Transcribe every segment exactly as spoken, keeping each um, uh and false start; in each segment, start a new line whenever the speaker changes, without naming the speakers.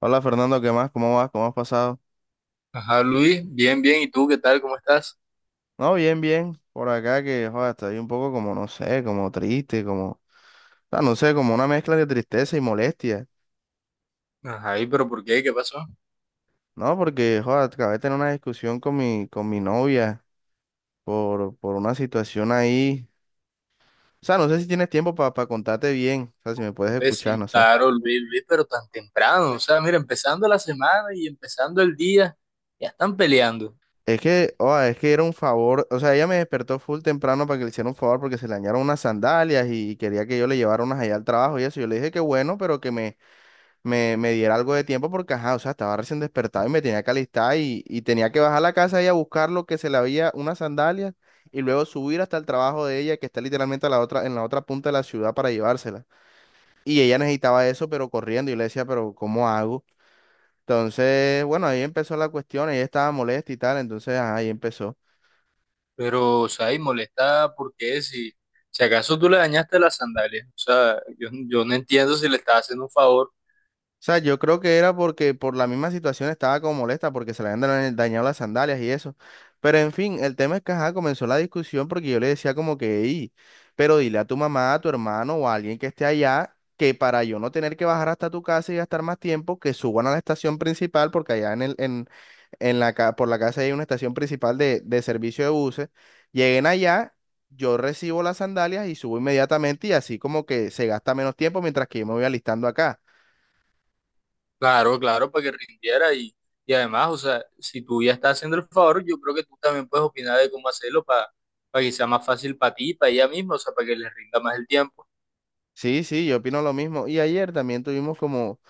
Hola Fernando, ¿qué más? ¿Cómo vas? ¿Cómo has pasado?
Ajá, Luis, bien, bien. ¿Y tú qué tal? ¿Cómo estás?
No, bien, bien. Por acá que, joder, estoy un poco como, no sé, como triste, como, o sea, no sé, como una mezcla de tristeza y molestia,
Ajá, ¿y pero por qué? ¿Qué pasó?
¿no? Porque, joder, acabé de tener una discusión con mi, con mi novia por, por una situación ahí. O sea, no sé si tienes tiempo para contarte bien, o sea, si me puedes
Pues
escuchar,
sí,
no sé.
claro, Luis, Luis, pero tan temprano. O sea, mira, empezando la semana y empezando el día, ya están peleando.
Es que, joder, es que era un favor, o sea, ella me despertó full temprano para que le hiciera un favor porque se le dañaron unas sandalias y quería que yo le llevara unas allá al trabajo y eso. Yo le dije que bueno, pero que me me, me diera algo de tiempo porque, ajá, o sea, estaba recién despertado y me tenía que alistar y, y tenía que bajar a la casa y a buscar lo que se le había, unas sandalias, y luego subir hasta el trabajo de ella, que está literalmente a la otra, en la otra punta de la ciudad para llevársela. Y ella necesitaba eso, pero corriendo, y le decía, pero ¿cómo hago? Entonces, bueno, ahí empezó la cuestión, ella estaba molesta y tal, entonces, ajá, ahí empezó.
Pero, o sea, y molesta, ¿por qué? Si, si acaso tú le dañaste las sandalias. O sea, yo, yo no entiendo si le estás haciendo un favor.
O sea, yo creo que era porque por la misma situación estaba como molesta porque se le habían daña- dañado las sandalias y eso. Pero en fin, el tema es que ajá, comenzó la discusión porque yo le decía como que, "Ey, pero dile a tu mamá, a tu hermano o a alguien que esté allá que para yo no tener que bajar hasta tu casa y gastar más tiempo, que suban a la estación principal porque allá en el, en, en la, ca- por la casa hay una estación principal de, de servicio de buses. Lleguen allá, yo recibo las sandalias y subo inmediatamente y así como que se gasta menos tiempo mientras que yo me voy alistando acá.
Claro, claro, para que rindiera. Y, y además, o sea, si tú ya estás haciendo el favor, yo creo que tú también puedes opinar de cómo hacerlo para, para que sea más fácil para ti, para ella misma, o sea, para que le rinda más el tiempo.
Sí, sí, yo opino lo mismo. Y ayer también tuvimos como,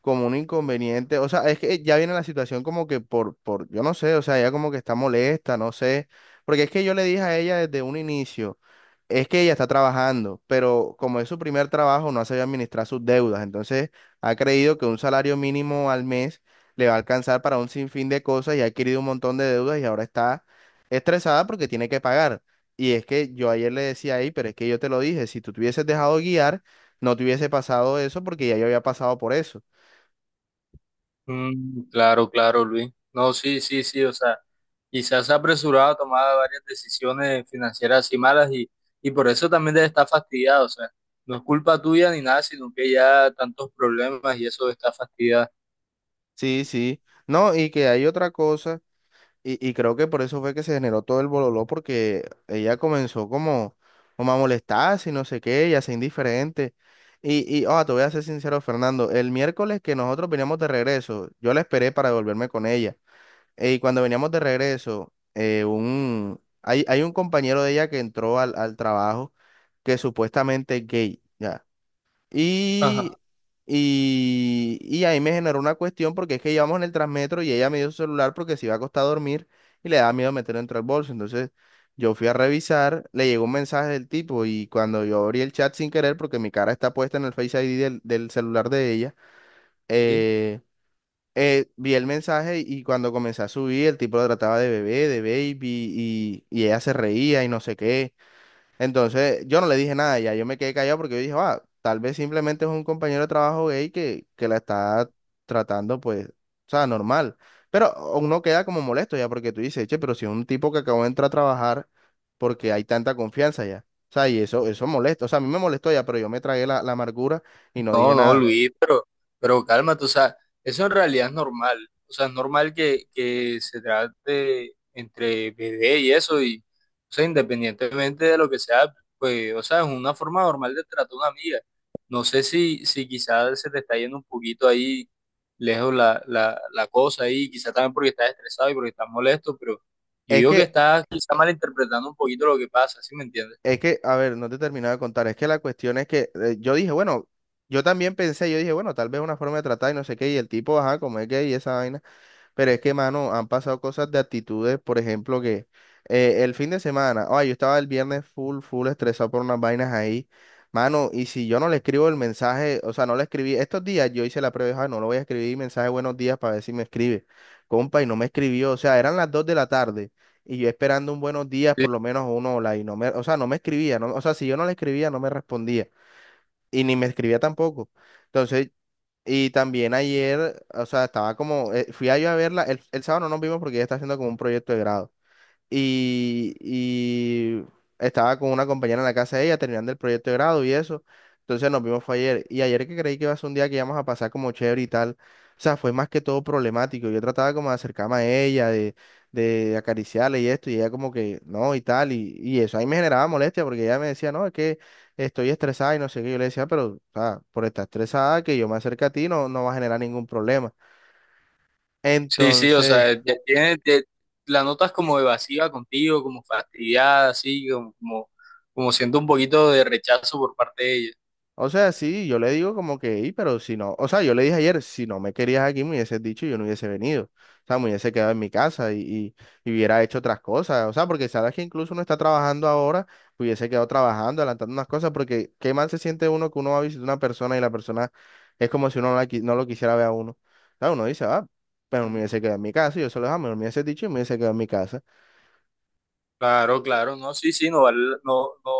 como un inconveniente. O sea, es que ya viene la situación como que por, por, yo no sé, o sea, ella como que está molesta, no sé. Porque es que yo le dije a ella desde un inicio. Es que ella está trabajando, pero como es su primer trabajo, no ha sabido administrar sus deudas. Entonces, ha creído que un salario mínimo al mes le va a alcanzar para un sinfín de cosas y ha adquirido un montón de deudas y ahora está estresada porque tiene que pagar. Y es que yo ayer le decía ahí, pero es que yo te lo dije, si tú te hubieses dejado guiar, no te hubiese pasado eso porque ya yo había pasado por eso.
Mm, claro, claro, Luis. No, sí, sí, sí, o sea, quizás se ha apresurado a tomar varias decisiones financieras así malas y, y por eso también debe estar fastidiado, o sea, no es culpa tuya ni nada, sino que ya tantos problemas y eso está fastidiado.
Sí, sí. No, y que hay otra cosa. Y, y creo que por eso fue que se generó todo el bololó, porque ella comenzó como, como a molestarse y no sé qué, y a ser indiferente. Y, y oh, te voy a ser sincero, Fernando, el miércoles que nosotros veníamos de regreso, yo la esperé para devolverme con ella. Y cuando veníamos de regreso, eh, un, hay, hay un compañero de ella que entró al, al trabajo que supuestamente es gay, ya.
Ajá.
Y, y, y ahí me generó una cuestión porque es que íbamos en el Transmetro y ella me dio su celular porque se iba a acostar a dormir y le daba miedo meterlo dentro del bolso. Entonces yo fui a revisar, le llegó un mensaje del tipo y cuando yo abrí el chat sin querer porque mi cara está puesta en el Face I D del, del celular de ella,
Sí.
eh, eh, vi el mensaje y cuando comencé a subir el tipo lo trataba de bebé, de baby y, y ella se reía y no sé qué. Entonces, yo no le dije nada, ya yo me quedé callado porque yo dije, va, tal vez simplemente es un compañero de trabajo gay que, que la está tratando, pues, o sea, normal. Pero uno queda como molesto ya porque tú dices, che, pero si es un tipo que acabó de entrar a trabajar porque hay tanta confianza ya. O sea, y eso, eso molesta. O sea, a mí me molestó ya, pero yo me tragué la, la amargura y
No,
no dije
no,
nada.
Luis, pero, pero cálmate, o sea, eso en realidad es normal. O sea, es normal que, que se trate entre bebé y eso, y, o sea, independientemente de lo que sea, pues, o sea, es una forma normal de tratar a una amiga. No sé si, si quizás se te está yendo un poquito ahí lejos la, la, la cosa ahí, quizás también porque estás estresado y porque estás molesto, pero yo
Es
digo que
que,
estás quizás malinterpretando un poquito lo que pasa, ¿sí me entiendes?
es que, a ver, no te terminaba de contar. Es que la cuestión es que eh, yo dije, bueno, yo también pensé, yo dije, bueno, tal vez una forma de tratar y no sé qué. Y el tipo, ajá, como es gay y esa vaina. Pero es que, mano, han pasado cosas de actitudes, por ejemplo, que eh, el fin de semana, ay, yo estaba el viernes full, full estresado por unas vainas ahí, mano, y si yo no le escribo el mensaje, o sea, no le escribí, estos días yo hice la prueba, dije, "Ay, no lo voy a escribir mensaje buenos días para ver si me escribe, compa, y no me escribió, o sea, eran las dos de la tarde, y yo esperando un buenos días, por lo menos uno, hola, y no me, o sea, no me escribía, no, o sea, si yo no le escribía, no me respondía, y ni me escribía tampoco. Entonces y también ayer, o sea, estaba como, eh, fui a yo a verla, el, el sábado no nos vimos porque ella está haciendo como un proyecto de grado y, y estaba con una compañera en la casa de ella terminando el proyecto de grado y eso. Entonces nos vimos fue ayer. Y ayer que creí que iba a ser un día que íbamos a pasar como chévere y tal. O sea, fue más que todo problemático. Yo trataba como de acercarme a ella, de, de acariciarle y esto, y ella como que no y tal. Y, y eso ahí me generaba molestia porque ella me decía, no, es que estoy estresada y no sé qué. Yo le decía, pero o sea, por estar estresada, que yo me acerque a ti no, no va a generar ningún problema.
Sí, sí, o
Entonces,
sea, ya tiene, te- la notas como evasiva contigo, como fastidiada, así, como, como, como siento un poquito de rechazo por parte de ella.
o sea, sí, yo le digo como que, "Ey, pero si no, o sea, yo le dije ayer, si no me querías aquí, me hubieses dicho y yo no hubiese venido. O sea, me hubiese quedado en mi casa y, y, y hubiera hecho otras cosas. O sea, porque sabes que incluso uno está trabajando ahora, hubiese quedado trabajando, adelantando unas cosas, porque qué mal se siente uno que uno va a visitar a una persona y la persona es como si uno no, la qui- no lo quisiera ver a uno. O sea, uno dice, ah, pero me hubiese quedado en mi casa, y yo se lo dije, "Ah, mejor me hubiese dicho y me hubiese quedado en mi casa.
Claro, claro, no, sí, sí, no, vale- no, no,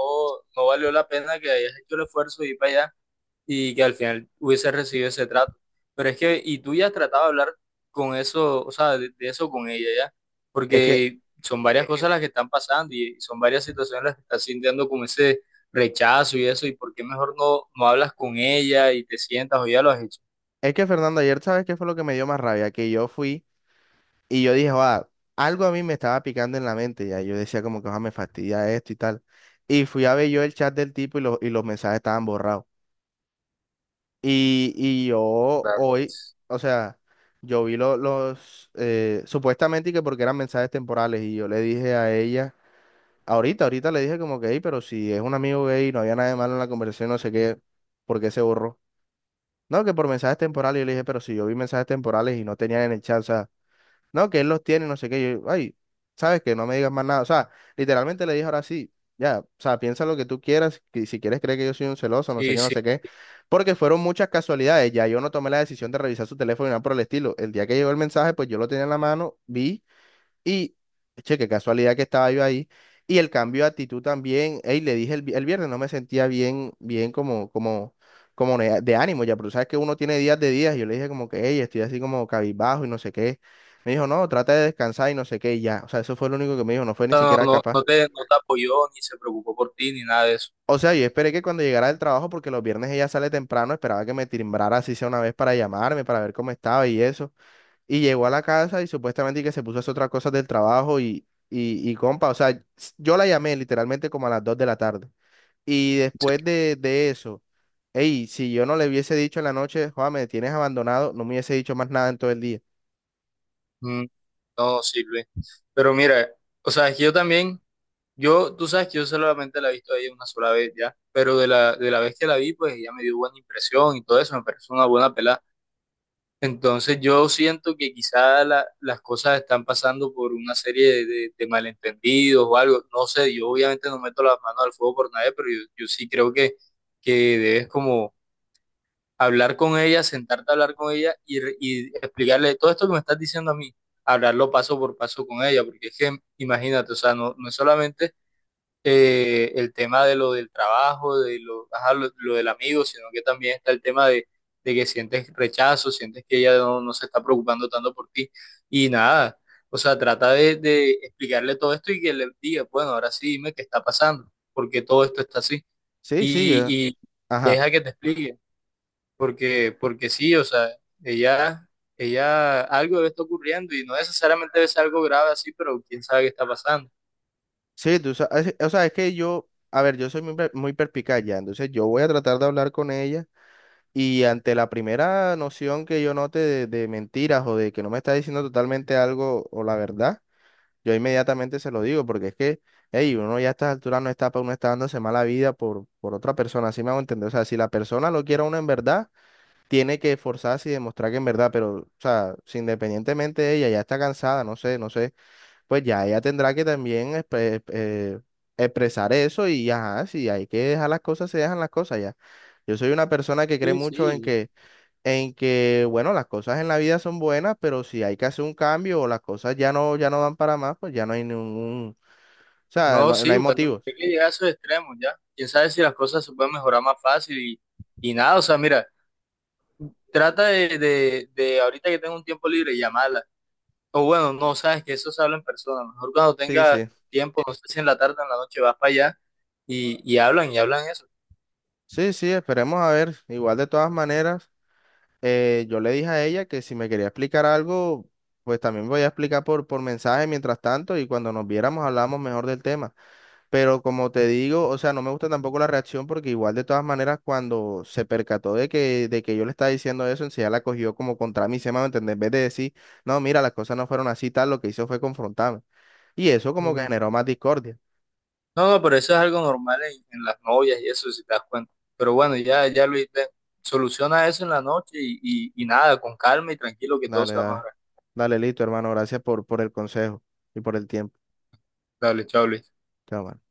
no valió la pena que hayas hecho el esfuerzo de ir para allá, y que al final hubiese recibido ese trato. Pero es que, y tú ya has tratado de hablar con eso, o sea, de, de eso con ella ya,
Es que,
porque son varias cosas las que están pasando y son varias situaciones las que estás sintiendo como ese rechazo y eso, y por qué mejor no, no hablas con ella y te sientas o ya lo has hecho.
es que Fernando, ayer, ¿sabes qué fue lo que me dio más rabia? Que yo fui. Y yo dije, va, algo a mí me estaba picando en la mente, ya yo decía como que "Joda, me fastidia esto y tal. Y fui a ver yo el chat del tipo y, los y los mensajes estaban borrados. Y, y yo
Claro.
hoy, o sea, yo vi lo- los, eh, supuestamente que porque eran mensajes temporales y yo le dije a ella, ahorita, ahorita le dije como que, "Ey, pero si es un amigo gay, no había nada de malo en la conversación, no sé qué, ¿por qué se borró? No, que por mensajes temporales, yo le dije, pero si yo vi mensajes temporales y no tenían en el chat, o sea, no, que él los tiene, no sé qué. Yo, ay, sabes que no me digas más nada. O sea, literalmente le dije ahora sí, ya, o sea, piensa lo que tú quieras, que si quieres creer que yo soy un celoso, no sé
Sí,
qué, no
sí,
sé qué. Porque fueron muchas casualidades. Ya yo no tomé la decisión de revisar su teléfono ni nada por el estilo. El día que llegó el mensaje, pues yo lo tenía en la mano, vi. Y, che, qué casualidad que estaba yo ahí. Y el cambio de actitud también, ey, le dije el, vi- el viernes, no me sentía bien, bien como, como, como ne- de ánimo ya, pero tú sabes que uno tiene días de días. Y yo le dije como que, ey, estoy así como cabizbajo y no sé qué. Me dijo, no, trata de descansar y no sé qué, y ya. O sea, eso fue lo único que me dijo, no fue ni
no,
siquiera
no,
capaz.
no te, no te apoyó ni se preocupó por ti ni nada de eso.
O sea, yo esperé que cuando llegara del trabajo, porque los viernes ella sale temprano, esperaba que me timbrara así sea una vez para llamarme, para ver cómo estaba y eso. Y llegó a la casa y supuestamente que se puso a hacer otras cosas del trabajo y, y, y compa, o sea, s- yo la llamé literalmente como a las dos de la tarde. Y después de, de eso, hey, si yo no le hubiese dicho en la noche, Juan, me tienes abandonado, no me hubiese dicho más nada en todo el día.
Mm, no sirve. Pero mira, o sea, es que yo también... Yo, tú sabes que yo solamente la he visto a ella una sola vez ya, pero de la, de la vez que la vi, pues ella me dio buena impresión y todo eso, me pareció una buena pelada. Entonces yo siento que quizá la- las cosas están pasando por una serie de, de- de malentendidos o algo, no sé, yo obviamente no meto las manos al fuego por nadie, pero yo, yo sí creo que, que debes como hablar con ella, sentarte a hablar con ella y, re- y explicarle todo esto que me estás diciendo a mí, hablarlo paso por paso con ella, porque es que imagínate, o sea, no, no es solamente eh, el tema de lo del trabajo, de lo, ajá, lo, lo del amigo, sino que también está el tema de, de que sientes rechazo, sientes que ella no, no se está preocupando tanto por ti y nada. O sea, trata de, de explicarle todo esto y que le diga, bueno, ahora sí dime qué está pasando, porque todo esto está así.
Sí, sí, yo,
Y, y
ajá.
deja que te explique, porque, porque sí, o sea, ella, ella, algo debe estar ocurriendo y no necesariamente debe ser algo grave así, pero quién sabe qué está pasando.
Sí, tú sabes, o sea, es que yo, a ver, yo soy muy, per- muy perspicaz ya, entonces yo voy a tratar de hablar con ella y ante la primera noción que yo note de de mentiras o de que no me está diciendo totalmente algo o la verdad. Yo inmediatamente se lo digo, porque es que, hey, uno ya a estas alturas no está, pa- uno está dándose mala vida por, por otra persona, así me hago entender. O sea, si la persona lo quiere a uno en verdad, tiene que esforzarse y demostrar que en verdad, pero, o sea, si independientemente de ella ya está cansada, no sé, no sé, pues ya ella tendrá que también expre- eh, expresar eso y ajá, si hay que dejar las cosas, se dejan las cosas ya. Yo soy una persona que cree
Sí,
mucho en
sí.
que en que, bueno, las cosas en la vida son buenas, pero si hay que hacer un cambio o las cosas ya no, ya no dan para más, pues ya no hay ningún, o sea,
No,
no, no
sí,
hay
bueno,
motivos.
hay que llegar a esos extremos ya. Quién sabe si las cosas se pueden mejorar más fácil y, y nada, o sea, mira, trata de, de, de ahorita que tengo un tiempo libre, llamarla. O bueno, no, sabes que eso se habla en persona. Mejor cuando
Sí,
tengas
sí.
tiempo, no sé si en la tarde o en la noche vas para allá y, y hablan y hablan eso.
Sí, sí, esperemos a ver. Igual de todas maneras, eh, yo le dije a ella que si me quería explicar algo, pues también voy a explicar por, por mensaje mientras tanto y cuando nos viéramos hablamos mejor del tema. Pero como te digo, o sea, no me gusta tampoco la reacción porque igual de todas maneras cuando se percató de que, de que yo le estaba diciendo eso, enseguida la cogió como contra mí, se me va a entender, en vez de decir, no, mira, las cosas no fueron así, tal, lo que hizo fue confrontarme. Y eso como que
Mm.
generó más discordia.
No, no, pero eso es algo normal en, en las novias y eso, si te das cuenta. Pero bueno, ya, ya Luis, ve, soluciona eso en la noche y, y, y nada, con calma y tranquilo que todo
Dale,
se va a
dale,
mejorar.
dale, listo, hermano, gracias por, por el consejo y por el tiempo.
Dale, chao, Luis.
Chao, mano.